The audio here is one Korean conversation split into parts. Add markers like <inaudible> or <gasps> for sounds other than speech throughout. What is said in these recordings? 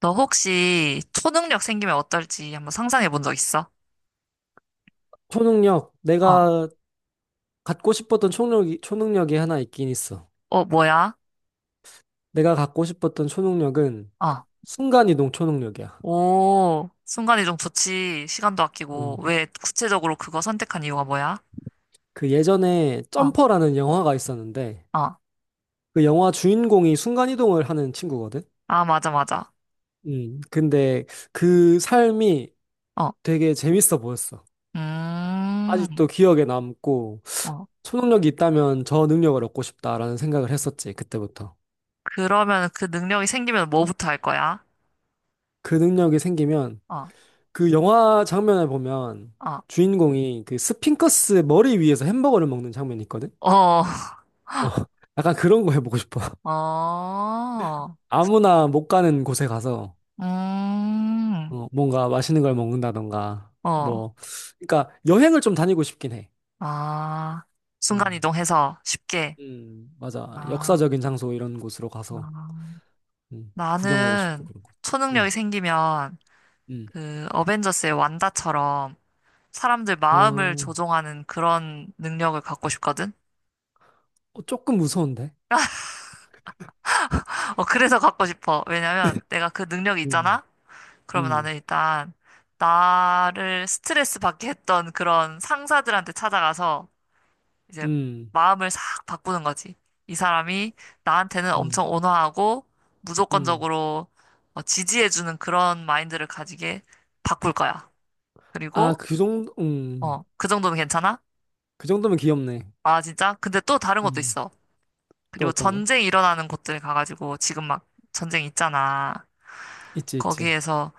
너 혹시 초능력 생기면 어떨지 한번 상상해 본 적 있어? 초능력, 어. 내가 갖고 싶었던 초능력이 하나 있긴 있어. 어, 뭐야? 내가 갖고 싶었던 초능력은 어. 순간이동 초능력이야. 오, 순간이 동 좋지. 시간도 어, 아끼고. 왜 구체적으로 그거 선택한 이유가 뭐야? 그 예전에 어, 점퍼라는 영화가 있었는데, 어. 그 영화 주인공이 순간이동을 하는 친구거든? 아, 맞아, 맞아. 근데 그 삶이 어. 되게 재밌어 보였어. 음. 아직도 기억에 남고, 어. 초능력이 있다면 저 능력을 얻고 싶다라는 생각을 했었지, 그때부터. 그러면 그 능력이 생기면 뭐부터 할 거야? 그 능력이 생기면 어, 그 영화 장면을 보면 어. 주인공이 그 스핑커스 머리 위에서 햄버거를 먹는 장면이 있거든? 어. <laughs> 어. <laughs> 약간 그런 거 해보고 싶어. <laughs> 어. 아무나 못 가는 곳에 가서 음. 뭔가 맛있는 걸 먹는다던가 어. 뭐 그러니까 여행을 좀 다니고 싶긴 해. 아. 어, 순간이동해서 쉽게. 맞아. 아. 역사적인 장소 이런 곳으로 가서 아. 구경하고 싶고 나는 그런 거. 초능력이 음, 생기면 음. 그 어벤져스의 완다처럼 사람들 아, 마음을 어, 조종하는 그런 능력을 갖고 싶거든? 조금 무서운데? 어, 그래서 갖고 싶어. 왜냐면 내가 그 능력이 음, 있잖아? 그러면 음, 나는 일단 나를 스트레스 받게 했던 그런 상사들한테 찾아가서 이제 음, 마음을 싹 바꾸는 거지. 이 사람이 나한테는 음, 엄청 온화하고 음. 무조건적으로 지지해주는 그런 마인드를 가지게 바꿀 거야. 아, 그리고 어, 그 정도는 괜찮아? 그 정도면 귀엽네. 아, 진짜? 근데 또 다른 것도 음, 있어. 또 그리고 어떤 전 거? 쟁 일어나는 곳들 가가지고 지금 막 전쟁 있잖아. 있지, 있지. 거기에서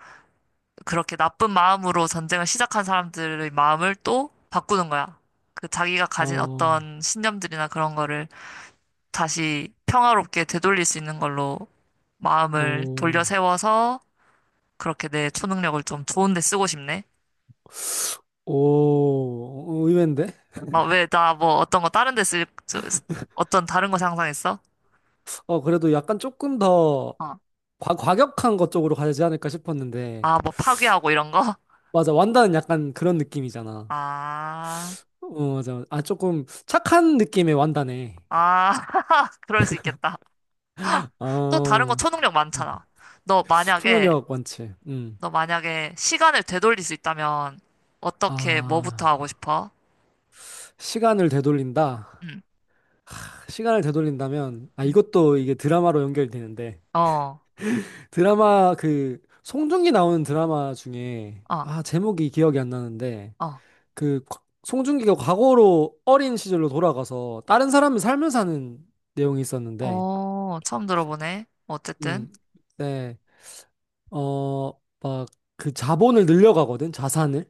그렇게 나쁜 마음으로 전쟁을 시작한 사람들의 마음을 또 바꾸는 거야. 그 자기가 가진 어, 어떤 신념들이나 그런 거를 다시 평화롭게 되돌릴 수 있는 걸로 마음을 돌려 오, 세워서 그렇게 내 초능력을 좀 좋은 데 쓰고 싶네. 오, 의외인데? 어, 왜 나 뭐 어떤 거 다른 데 쓸, 어떤 다른 거 상상했어? 그래도 약간 조금 더 어. 과격한 것 쪽으로 가지 않을까 싶었는데. 아, 뭐 파괴하고 이런 거? 맞아, 완다는 약간 그런 느낌이잖아. 아, 어, 맞아. 아, 조금 착한 느낌의 완다네. 아, <laughs> 그럴 수 있겠다. 또 다른 거 어, 초능력 음, 많잖아. 너 만약에, 초능력 완치. 음. 너 만약에 시간을 되돌릴 수 있다면 어떻게, 뭐부터 하고 아, 싶어? 시간을 되돌린다. 응, 시간을 되돌린다면, 아, 응. 이것도 이게 드라마로 연결되는데. 어, 드라마 그 송중기 나오는 드라마 중에 어, 아 제목이 기억이 안 나는데 어, 송중기가 과거로 어린 시절로 돌아가서 다른 사람을 살면서 하는 내용이 있었는데 어, 처음 들어보네. 어쨌든, 음, 네, 어, 막 그 자본을 늘려가거든, 자산을.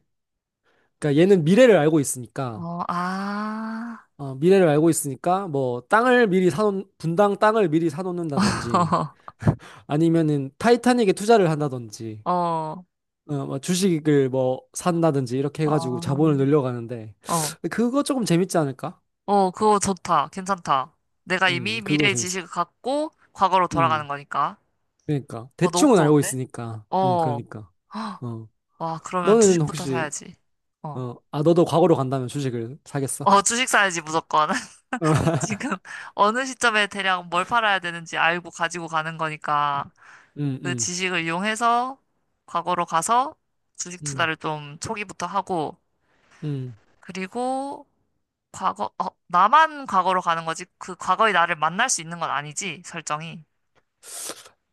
그러니까 얘는 미래를 알고 있으니까 어, 아, 뭐 땅을 미리 사놓 분당 땅을 미리 사놓는다든지, <laughs> 아니면은 타이타닉에 투자를 한다든지, 어, 뭐 주식을 뭐 산다든지 이렇게 해가지고 어, 자본을 늘려가는데, 어, 그거 조금 재밌지 않을까? 어, 그거 좋다. 괜찮다. 내가 이미 그거 미래의 재밌을. 지식을 갖고 과거로 돌아가는 음, 거니까. 그러니까 어, 너무 대충은 알고 좋은데? 있으니까. 어. 그러니까. 어, 와, 그러면 너는 주식부터 혹시 사야지. 어. 어, 아 너도 과거로 간다면 주식을 사겠어? 어, 주식 사야지, 무조건. <laughs> 어. <laughs> 지금 어느 시점에 대략 뭘 팔아야 되는지 알고 가지고 가는 거니까 음, 그 음, 지식을 이용해서 과거로 가서 주식 음, 투자를 좀 초기부터 하고 음. 그리고 과거, 어, 나만 과거로 가는 거지. 그 과거의 나를 만날 수 있는 건 아니지, 설정이.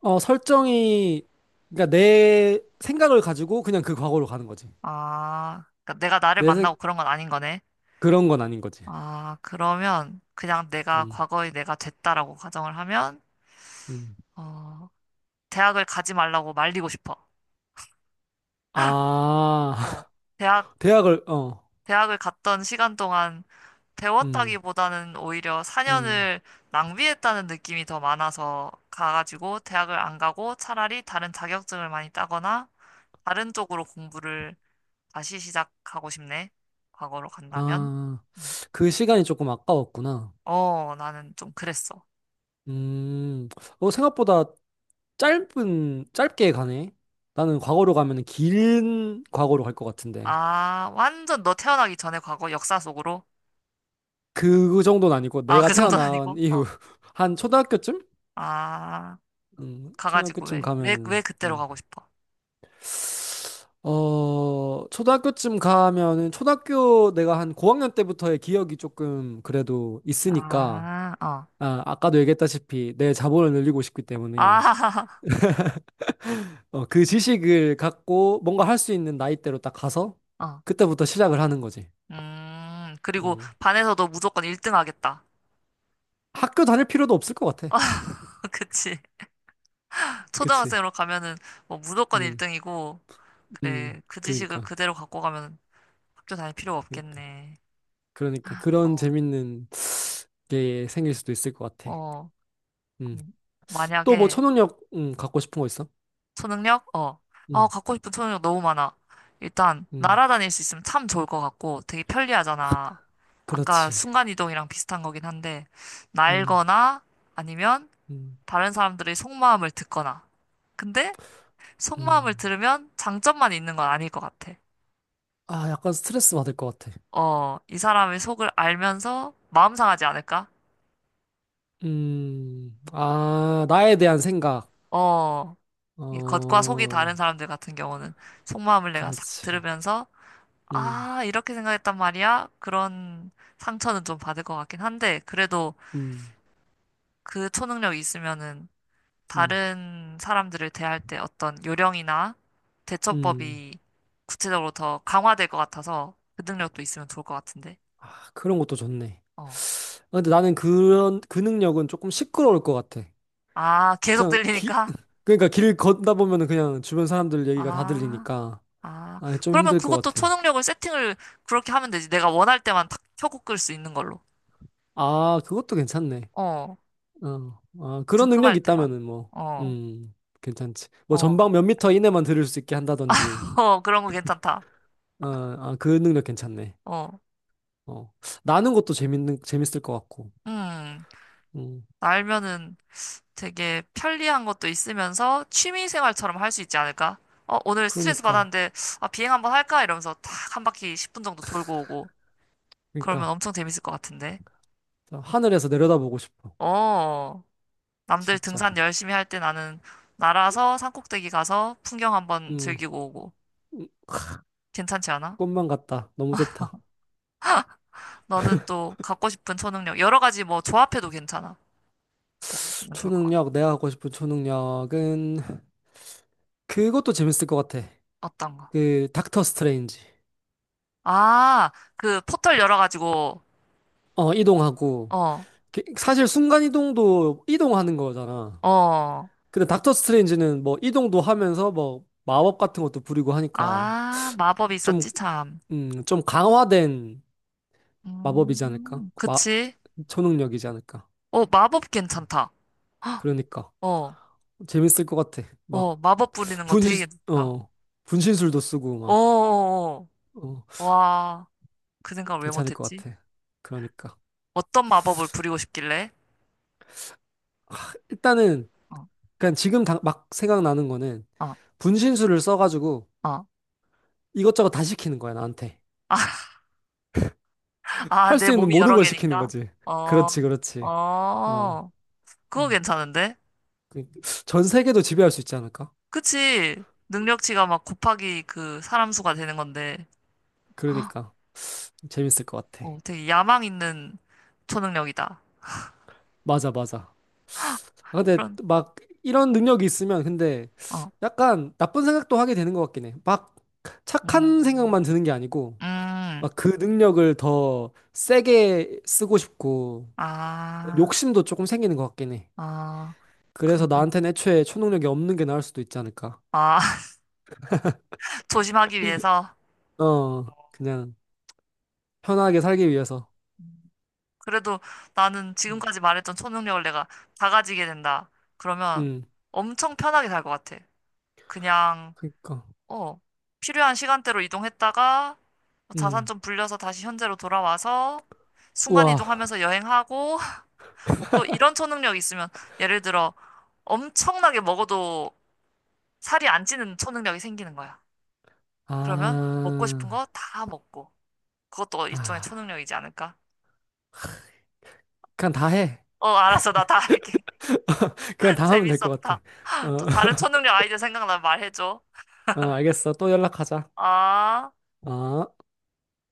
어, 설정이 그러니까 내 생각을 가지고 그냥 그 과거로 가는 거지. 아, 그러니까 내가 나를 내 생, 만나고 그런 건 아닌 거네. 그런 건 아닌 거지. 아, 그러면 그냥 내가 음, 과거의 내가 됐다라고 가정을 하면 음. 어, 대학을 가지 말라고 말리고 싶어. 아, 어, 대학, <laughs> 대학을 어, 대학을 갔던 시간 동안 음, 배웠다기보다는 오히려 음. 4년을 낭비했다는 느낌이 더 많아서 가가지고 대학을 안 가고 차라리 다른 자격증을 많이 따거나 다른 쪽으로 공부를 다시 시작하고 싶네. 과거로 간다면. 아, 음. 그 시간이 조금 아까웠구나. 어, 나는 좀 그랬어. 음, 생각보다 짧게 가네. 나는 과거로 가면 긴 과거로 갈 것 같은데. 아, 완전 너 태어나기 전에 과거 역사 속으로? 그 정도는 아니고 아, 내가 그 정도는 태어난 아니고? 어. 이후 <laughs> 한 초등학교쯤? 아, 가가지고 초등학교쯤 왜 가면은, 그때로 음. 가고 싶어? 초등학교쯤 가면은 초등학교 내가 한 고학년 때부터의 기억이 조금 그래도 있으니까, 아, 어. 아, 아까도 얘기했다시피 내 자본을 늘리고 싶기 아, 때문에 <laughs> 그 지식을 갖고 뭔가 할 수 있는 나이대로 딱 가서 어. 그때부터 시작을 하는 거지. 그리고 어. 반에서도 무조건 1등 하겠다. 학교 다닐 필요도 없을 것 같아. <laughs> 그치. 그치? 초등학생으로 가면은 뭐 무조건 음, 1등이고, 음, 그래. 그 지식을 그니까, 그대로 갖고 가면 학교 다닐 필요 그니까, 없겠네. 그러니까 그런 어, 재밌는 게 생길 수도 있을 것 같아. 어. 음, 음, 또 뭐 만약에 초능력 갖고 싶은 거 있어? 초능력? 어. 어, 음, 갖고 싶은 초능력 너무 많아. 일단, 음, 날아다닐 수 있으면 참 좋을 것 같고, 되게 편리하잖아. 아까 그렇지. 순간이동이랑 비슷한 거긴 한데, 음, 날거나 아니면 음, 다른 사람들의 속마음을 듣거나. 근데 속마음을 음. 들으면 장점만 있는 건 아닐 것 같아. 아, 약간 스트레스 받을 것 같아. 어, 이 사람의 속을 알면서 마음 상하지 않을까? 아, 나에 대한 생각. 어, 이 겉과 속이 어, 다른 사람들 같은 경우는 속마음을 내가 싹 그렇지. 들으면서 음, 아, 이렇게 생각했단 말이야? 그런 상처는 좀 받을 것 같긴 한데, 그래도 음. 그 초능력이 있으면은 음. 다른 사람들을 대할 때 어떤 요령이나 음. 대처법이 구체적으로 더 강화될 것 같아서 그 능력도 있으면 좋을 것 같은데. 아, 그런 것도 좋네. 어. 아, 근데 나는 그런 그 능력은 조금 시끄러울 것 같아. 아, 계속 그냥 기 들리니까? <laughs> 그러니까 길 걷다 보면은 그냥 주변 사람들 얘기가 다 아, 들리니까 아. 아, 좀 그러면 힘들 것 그것도 같아. 초능력을 세팅을 그렇게 하면 되지. 내가 원할 때만 탁 켜고 끌 수 있는 걸로. 아, 그것도 괜찮네. 어. 어. 아, 그런 궁금할 능력이 때만. 있다면은 뭐 어. 음, 괜찮지. 뭐 어. 전방 몇 미터 이내만 들을 수 있게 한다든지. <laughs> 어, 그런 거 괜찮다. 그 능력 괜찮네. 어. 어. 나는 것도 재밌는 재밌을 것 같고. 음. 음. 알면은 되게 편리한 것도 있으면서 취미 생활처럼 할 수 있지 않을까? 어, 오늘 스트레스 그러니까. 받았는데, 아, 비행 한번 할까? 이러면서 탁 한 바퀴 10분 정도 돌고 오고. 그러면 그러니까 엄청 재밌을 것 같은데. 자, 하늘에서 내려다보고 싶어. 어, 남들 진짜. 등산 열심히 할 때 나는 날아서 산꼭대기 가서 풍경 한번 음. 즐기고 오고. 음. 괜찮지 않아? 꿈만 같다. 너무 좋다. 너는 또 갖고 싶은 초능력, 여러 가지 뭐 조합해도 괜찮아. 뭐 있으면 좋을 것 같아. 초능력, 내가 갖고 싶은 초능력은 그것도 재밌을 것 같아. 어떤가? 그 닥터 스트레인지. 아, 그 포털 열어가지고, 이동하고 어, 사실 순간 이동도 이동하는 거잖아. 어. 근데 닥터 스트레인지는 뭐 이동도 하면서 뭐 마법 같은 것도 부리고 하니까 아, 마법이 좀, 있었지, 참. 좀 강화된 마법이지 않을까? 그치? 초능력이지 않을까? 어, 마법 음, 괜찮다. 헉, 그러니까 어, 재밌을 것 같아. 막 어, 마법 부리는 거 되게 분신, 괜찮다. 어, 분신술도 쓰고 어, 막. 어, 어. 어. 와, 그 생각을 왜 괜찮을 것 못했지? 같아. 그러니까. 어떤 마법을 부리고 싶길래? 일단은, 어, 그냥 지금 막 생각나는 거는 어, 분신술을 써가지고 어. 이것저것 다 시키는 거야, 나한테. <laughs> 아, 할 내 수 있는 몸이 모든 여러 걸 시키는 개니까? 거지. 어, 그렇지, 그렇지. 어. 어, 그거 음. 괜찮은데? 그- 전 세계도 지배할 수 있지 않을까? 그치? 능력치가 막 곱하기 그 사람 수가 되는 건데, <gasps> 헉, 그러니까. 재밌을 것 같아. 어, 되게 야망 있는 초능력이다. 맞아, 맞아. 아, 근데 그런, 막 이런 능력이 있으면 근데 어, 약간 나쁜 생각도 하게 되는 것 같긴 해. 막 착한 음, 생각만 드는 게 아니고 음, 막 그 능력을 더 세게 쓰고 싶고 아. 욕심도 조금 생기는 것 같긴 해. 아, 그, 그래서 나한테는 애초에 초능력이 없는 게 나을 수도 있지 않을까. 아, <laughs> 조심하기 위해서. 그냥 편하게 살기 위해서. 그래도 나는 음, 지금까지 말했던 초능력을 내가 다 가지게 된다. 그러면 음, 엄청 편하게 살 것 같아. 그냥, 그니까. 어, 필요한 시간대로 이동했다가 자산 음. 좀 불려서 다시 현재로 돌아와서 순간 우와. 이동하면서 여행하고 <laughs> 또 이런 초능력이 있으면 예를 들어 엄청나게 먹어도 살이 안 찌는 초능력이 생기는 거야. 그러면 먹고 싶은 아, 거 다 먹고 그것도 일종의 아. 초능력이지 않을까? 그냥 다 해. 어, 알았어. 나 다 할게. <laughs> 그냥 <laughs> 다 하면 될 것 같아. 재밌었다. 어, 또 다른 <laughs> 초능력 아이디어 생각나면 말해줘. 어, 알겠어. 또 연락하자. 아. 어.